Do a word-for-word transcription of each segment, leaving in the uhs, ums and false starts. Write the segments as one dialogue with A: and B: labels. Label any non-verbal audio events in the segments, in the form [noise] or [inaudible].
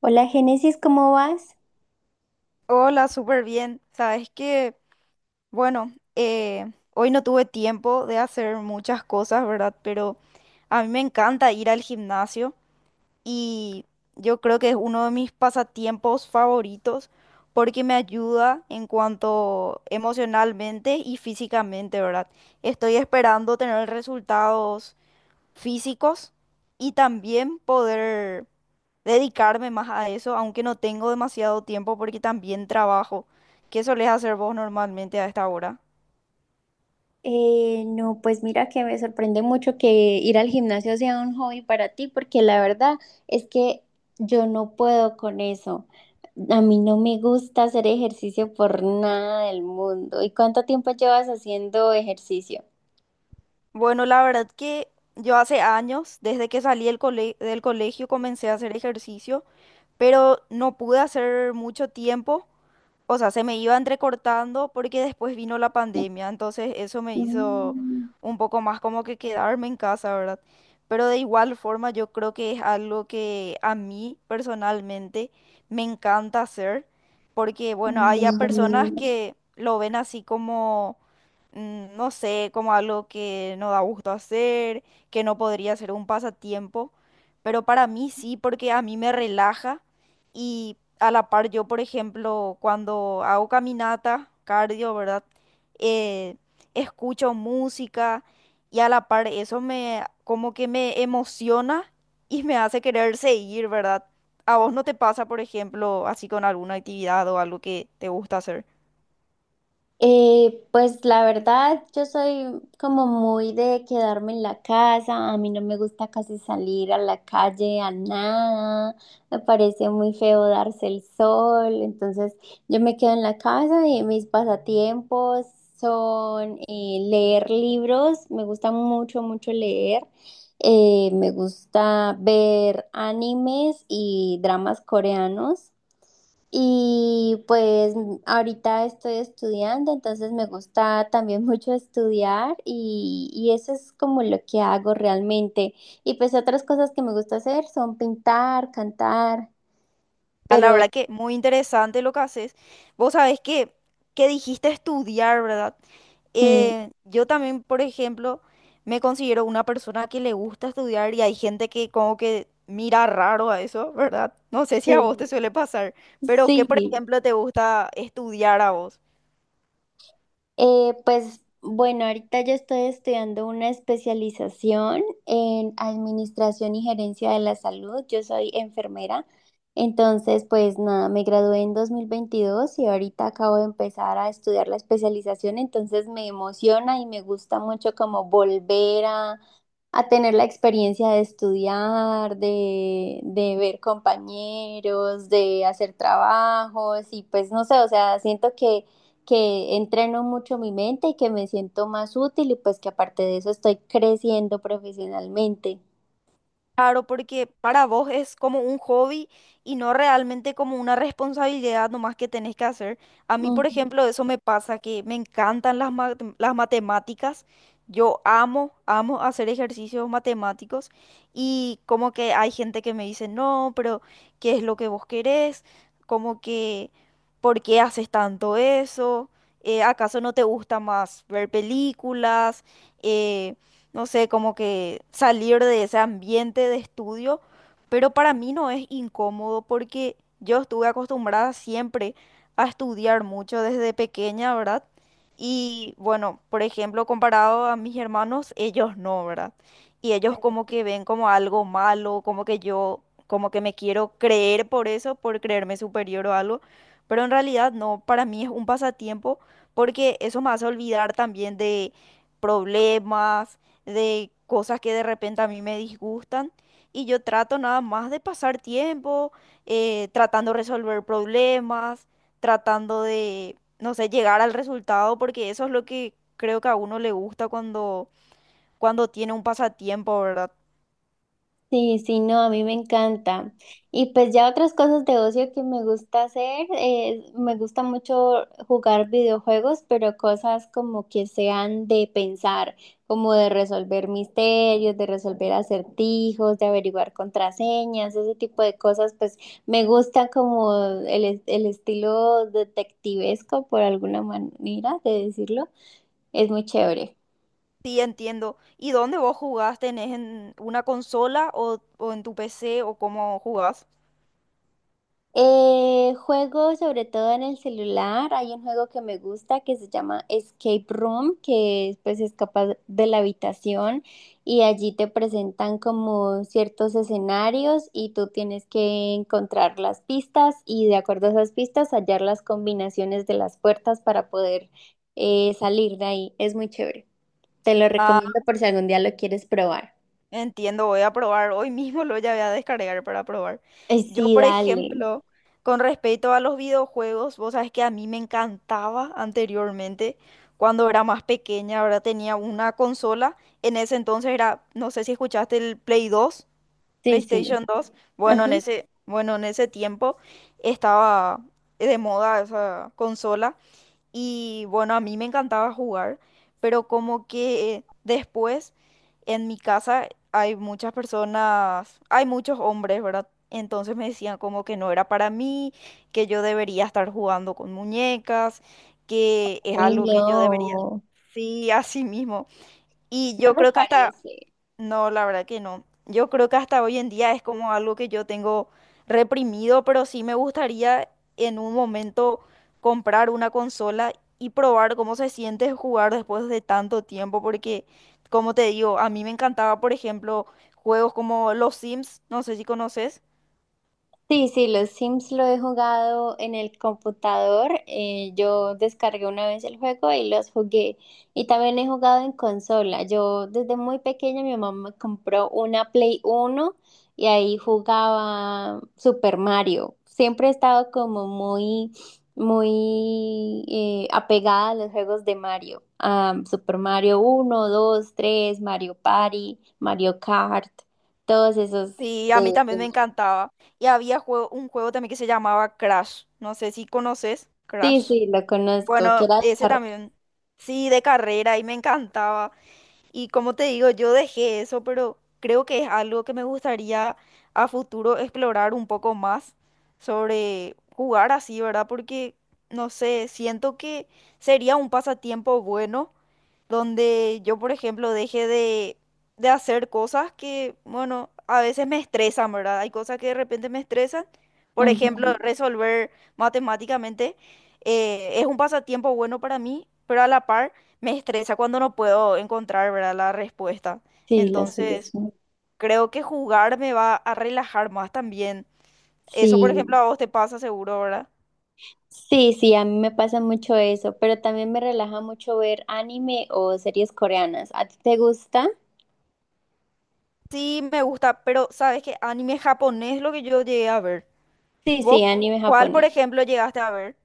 A: Hola Génesis, ¿cómo vas?
B: Hola, súper bien. Sabes que, bueno, eh, hoy no tuve tiempo de hacer muchas cosas, ¿verdad? Pero a mí me encanta ir al gimnasio y yo creo que es uno de mis pasatiempos favoritos porque me ayuda en cuanto emocionalmente y físicamente, ¿verdad? Estoy esperando tener resultados físicos y también poder dedicarme más a eso, aunque no tengo demasiado tiempo porque también trabajo. ¿Qué solés hacer vos normalmente a esta hora?
A: Eh, no, pues mira que me sorprende mucho que ir al gimnasio sea un hobby para ti, porque la verdad es que yo no puedo con eso. A mí no me gusta hacer ejercicio por nada del mundo. ¿Y cuánto tiempo llevas haciendo ejercicio?
B: Bueno, la verdad que yo hace años, desde que salí del cole- del colegio, comencé a hacer ejercicio, pero no pude hacer mucho tiempo, o sea, se me iban recortando porque después vino la pandemia, entonces eso me hizo
A: Mm,
B: un poco más como que quedarme en casa, ¿verdad? Pero de igual forma yo creo que es algo que a mí personalmente me encanta hacer, porque bueno, hay a personas
A: mm,
B: que lo ven así como, mm, no sé, como algo que no da gusto hacer, que no podría ser un pasatiempo, pero para mí sí, porque a mí me relaja y a la par yo, por ejemplo, cuando hago caminata, cardio, ¿verdad? Eh, escucho música y a la par eso me como que me emociona y me hace querer seguir, ¿verdad? ¿A vos no te pasa, por ejemplo, así con alguna actividad o algo que te gusta hacer?
A: Eh, pues la verdad, yo soy como muy de quedarme en la casa, a mí no me gusta casi salir a la calle, a nada, me parece muy feo darse el sol, entonces yo me quedo en la casa y mis pasatiempos son eh, leer libros, me gusta mucho, mucho leer. Eh, me gusta ver animes y dramas coreanos. Y pues mm, ahorita estoy estudiando, entonces me gusta también [laughs] mucho estudiar y, y eso es como lo que hago realmente. Y pues otras cosas que me gusta hacer son pintar, cantar,
B: Ah, la
A: pero
B: verdad que muy interesante lo que haces. Vos sabés que, que dijiste estudiar, ¿verdad?
A: mm,
B: Eh, yo también, por ejemplo, me considero una persona que le gusta estudiar y hay gente que como que mira raro a eso, ¿verdad? No sé si a vos te
A: sí,
B: suele pasar, pero ¿qué, por
A: sí.
B: ejemplo, te gusta estudiar a vos?
A: Eh, pues bueno, ahorita yo estoy estudiando una especialización en administración y gerencia de la salud. Yo soy enfermera, entonces pues nada, me gradué en dos mil veintidós y ahorita acabo de empezar a estudiar la especialización, entonces me emociona y me gusta mucho como volver a a tener la experiencia de estudiar, de, de ver compañeros, de hacer trabajos y pues no sé, o sea, siento que, que entreno mucho mi mente y que me siento más útil y pues que aparte de eso estoy creciendo profesionalmente.
B: Claro, porque para vos es como un hobby y no realmente como una responsabilidad nomás que tenés que hacer. A mí, por
A: Mm.
B: ejemplo, eso me pasa, que me encantan las, ma- las matemáticas. Yo amo, amo hacer ejercicios matemáticos y como que hay gente que me dice, no, pero ¿qué es lo que vos querés? Como que, ¿por qué haces tanto eso? Eh, ¿acaso no te gusta más ver películas? Eh, no sé, como que salir de ese ambiente de estudio, pero para mí no es incómodo porque yo estuve acostumbrada siempre a estudiar mucho desde pequeña, ¿verdad? Y bueno, por ejemplo, comparado a mis hermanos, ellos no, ¿verdad? Y ellos como que ven como algo malo, como que yo, como que me quiero creer por eso, por creerme superior o algo, pero en realidad no, para mí es un pasatiempo porque eso me hace olvidar también de problemas, de cosas que de repente a mí me disgustan y yo trato nada más de pasar tiempo, eh, tratando de resolver problemas, tratando de, no sé, llegar al resultado porque eso es lo que creo que a uno le gusta cuando, cuando tiene un pasatiempo, ¿verdad?
A: Sí, sí, no, a mí me encanta. Y pues ya otras cosas de ocio que me gusta hacer, eh, me gusta mucho jugar videojuegos, pero cosas como que sean de pensar, como de resolver misterios, de resolver acertijos, de averiguar contraseñas, ese tipo de cosas, pues me gusta como el, es- el estilo detectivesco, por alguna manera de decirlo, es muy chévere.
B: Sí, entiendo. ¿Y dónde vos jugás? ¿Tenés en una consola o, o en tu P C o cómo jugás?
A: Eh, juego sobre todo en el celular. Hay un juego que me gusta que se llama Escape Room, que pues escapas de la habitación y allí te presentan como ciertos escenarios y tú tienes que encontrar las pistas y de acuerdo a esas pistas hallar las combinaciones de las puertas para poder eh, salir de ahí. Es muy chévere. Te lo recomiendo por si algún día lo quieres probar.
B: Entiendo, voy a probar. Hoy mismo lo ya voy a descargar para probar.
A: Eh,
B: Yo,
A: sí,
B: por
A: dale.
B: ejemplo, con respecto a los videojuegos, vos sabés que a mí me encantaba anteriormente, cuando era más pequeña, ahora tenía una consola. En ese entonces era, no sé si escuchaste el Play dos.
A: Sí, sí.
B: PlayStation dos. Bueno, en
A: Ajá.
B: ese, bueno, en ese tiempo estaba de moda esa consola. Y bueno, a mí me encantaba jugar, pero como que después en mi casa hay muchas personas, hay muchos hombres, ¿verdad? Entonces me decían como que no era para mí, que yo debería estar jugando con muñecas, que es
A: Ay,
B: algo que yo debería.
A: no.
B: Sí, así mismo. Y
A: No
B: yo
A: me
B: creo que hasta
A: parece.
B: no, la verdad que no. Yo creo que hasta hoy en día es como algo que yo tengo reprimido, pero sí me gustaría en un momento comprar una consola y probar cómo se siente jugar después de tanto tiempo, porque como te digo, a mí me encantaba, por ejemplo, juegos como Los Sims, no sé si conoces.
A: Sí, sí, los Sims lo he jugado en el computador. Eh, yo descargué una vez el juego y los jugué. Y también he jugado en consola. Yo desde muy pequeña mi mamá me compró una Play Uno y ahí jugaba Super Mario. Siempre he estado como muy, muy eh, apegada a los juegos de Mario. A Super Mario uno, dos, tres, Mario Party, Mario Kart, todos esos
B: Sí, a mí
A: de...
B: también me encantaba. Y había juego, un juego también que se llamaba Crash, no sé si conoces
A: Sí,
B: Crash.
A: sí, lo conozco, que
B: Bueno,
A: era de
B: ese
A: carrera.
B: también. Sí, de carrera y me encantaba. Y como te digo, yo dejé eso, pero creo que es algo que me gustaría a futuro explorar un poco más sobre jugar así, ¿verdad? Porque, no sé, siento que sería un pasatiempo bueno donde yo, por ejemplo, deje de, de hacer cosas que, bueno, a veces me estresan, ¿verdad? Hay cosas que de repente me estresan. Por ejemplo,
A: Ujú.
B: resolver matemáticamente, eh, es un pasatiempo bueno para mí, pero a la par me estresa cuando no puedo encontrar, ¿verdad?, la respuesta.
A: Sí, la
B: Entonces,
A: solución.
B: creo que jugar me va a relajar más también.
A: Sí,
B: Eso, por ejemplo, a vos te pasa seguro, ¿verdad?
A: sí, sí, a mí me pasa mucho eso, pero también me relaja mucho ver anime o series coreanas. ¿A ti te gusta?
B: Sí, me gusta, pero sabes que anime japonés es lo que yo llegué a ver.
A: Sí,
B: ¿Vos
A: sí, anime
B: cuál, por
A: japonés.
B: ejemplo, llegaste a ver?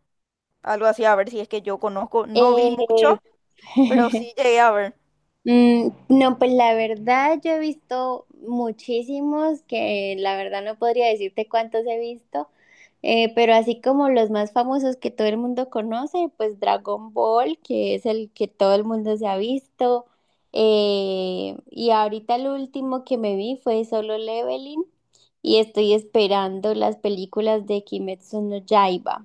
B: Algo así, a ver si es que yo conozco, no vi
A: Eh,
B: mucho, pero
A: [laughs]
B: sí llegué a ver.
A: mm, no, pues la verdad yo he visto muchísimos que la verdad no podría decirte cuántos he visto. Eh, pero así como los más famosos que todo el mundo conoce, pues Dragon Ball, que es el que todo el mundo se ha visto. Eh, y ahorita el último que me vi fue Solo Leveling y estoy esperando las películas de Kimetsu no Yaiba.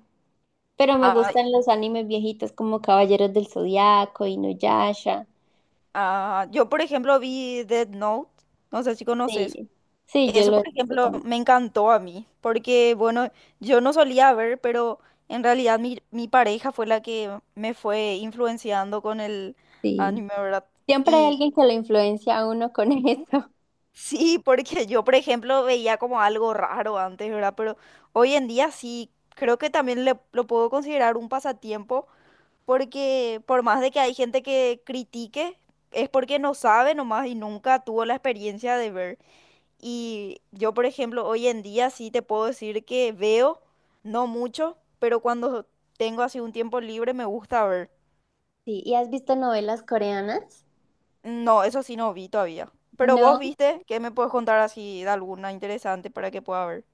A: Pero me
B: Ah,
A: gustan los animes viejitos como Caballeros del Zodiaco, Inuyasha.
B: ah, yo, por ejemplo, vi Dead Note, no sé si conoces.
A: Sí, sí, yo
B: Eso,
A: lo he
B: por
A: visto
B: ejemplo,
A: también.
B: me encantó a mí, porque, bueno, yo no solía ver, pero en realidad mi, mi pareja fue la que me fue influenciando con el
A: Sí.
B: anime, ¿verdad?
A: Siempre hay
B: Y
A: alguien que lo influencia a uno con [laughs] eso.
B: sí, porque yo, por ejemplo, veía como algo raro antes, ¿verdad? Pero hoy en día sí, creo que también le- lo puedo considerar un pasatiempo, porque por más de que hay gente que critique, es porque no sabe nomás y nunca tuvo la experiencia de ver. Y yo, por ejemplo, hoy en día sí te puedo decir que veo, no mucho, pero cuando tengo así un tiempo libre me gusta ver.
A: Sí, ¿y has visto novelas coreanas?
B: No, eso sí no vi todavía. Pero vos
A: No.
B: viste, ¿qué me puedes contar así de alguna interesante para que pueda ver?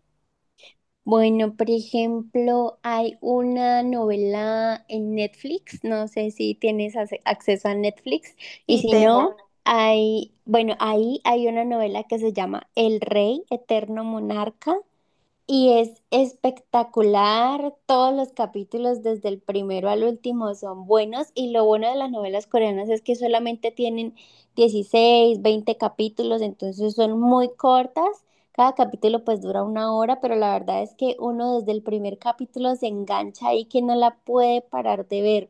A: Bueno, por ejemplo, hay una novela en Netflix, no sé si tienes ace- acceso a Netflix, y
B: Sí,
A: si sí, no,
B: tengo.
A: claro. Hay, bueno, ahí hay una novela que se llama El Rey Eterno Monarca, y es espectacular, todos los capítulos desde el primero al último son buenos y lo bueno de las novelas coreanas es que solamente tienen dieciséis veinte capítulos, entonces son muy cortas, cada capítulo pues dura una hora, pero la verdad es que uno desde el primer capítulo se engancha ahí que no la puede parar de ver.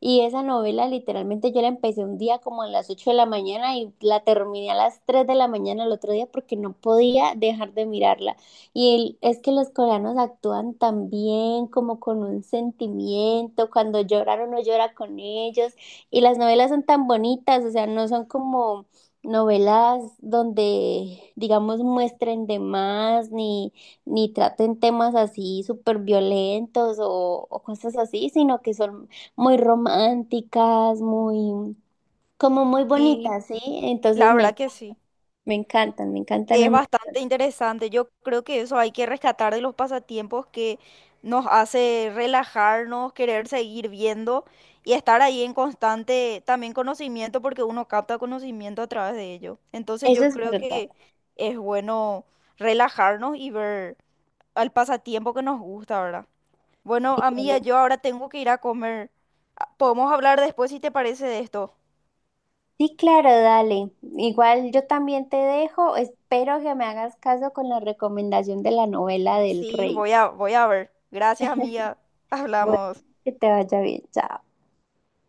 A: Y esa novela literalmente yo la empecé un día como a las ocho de la mañana y la terminé a las tres de la mañana el otro día porque no podía dejar de mirarla. Y el- es que los coreanos actúan tan bien, como con un sentimiento, cuando lloran uno llora con ellos, y las novelas son tan bonitas, o sea, no son como novelas donde, digamos, muestren de más, ni, ni traten temas así súper violentos o, o cosas así, sino que son muy románticas, muy, como muy
B: Y
A: bonitas, ¿sí? Entonces
B: la
A: me,
B: verdad que sí.
A: me encantan, me encantan un-
B: Es
A: montón.
B: bastante interesante. Yo creo que eso hay que rescatar de los pasatiempos que nos hace relajarnos, querer seguir viendo y estar ahí en constante también conocimiento porque uno capta conocimiento a través de ello. Entonces
A: Eso
B: yo
A: es
B: creo
A: verdad.
B: que es bueno relajarnos y ver al pasatiempo que nos gusta, ¿verdad? Bueno, amiga, yo ahora tengo que ir a comer. Ah, podemos hablar después si te parece de esto.
A: Sí, claro, dale. Igual yo también te dejo. Espero que me hagas caso con la recomendación de la novela del
B: Sí,
A: rey.
B: voy a, voy a ver. Gracias,
A: [laughs]
B: amiga.
A: Bueno,
B: Hablamos.
A: que te vaya bien. Chao.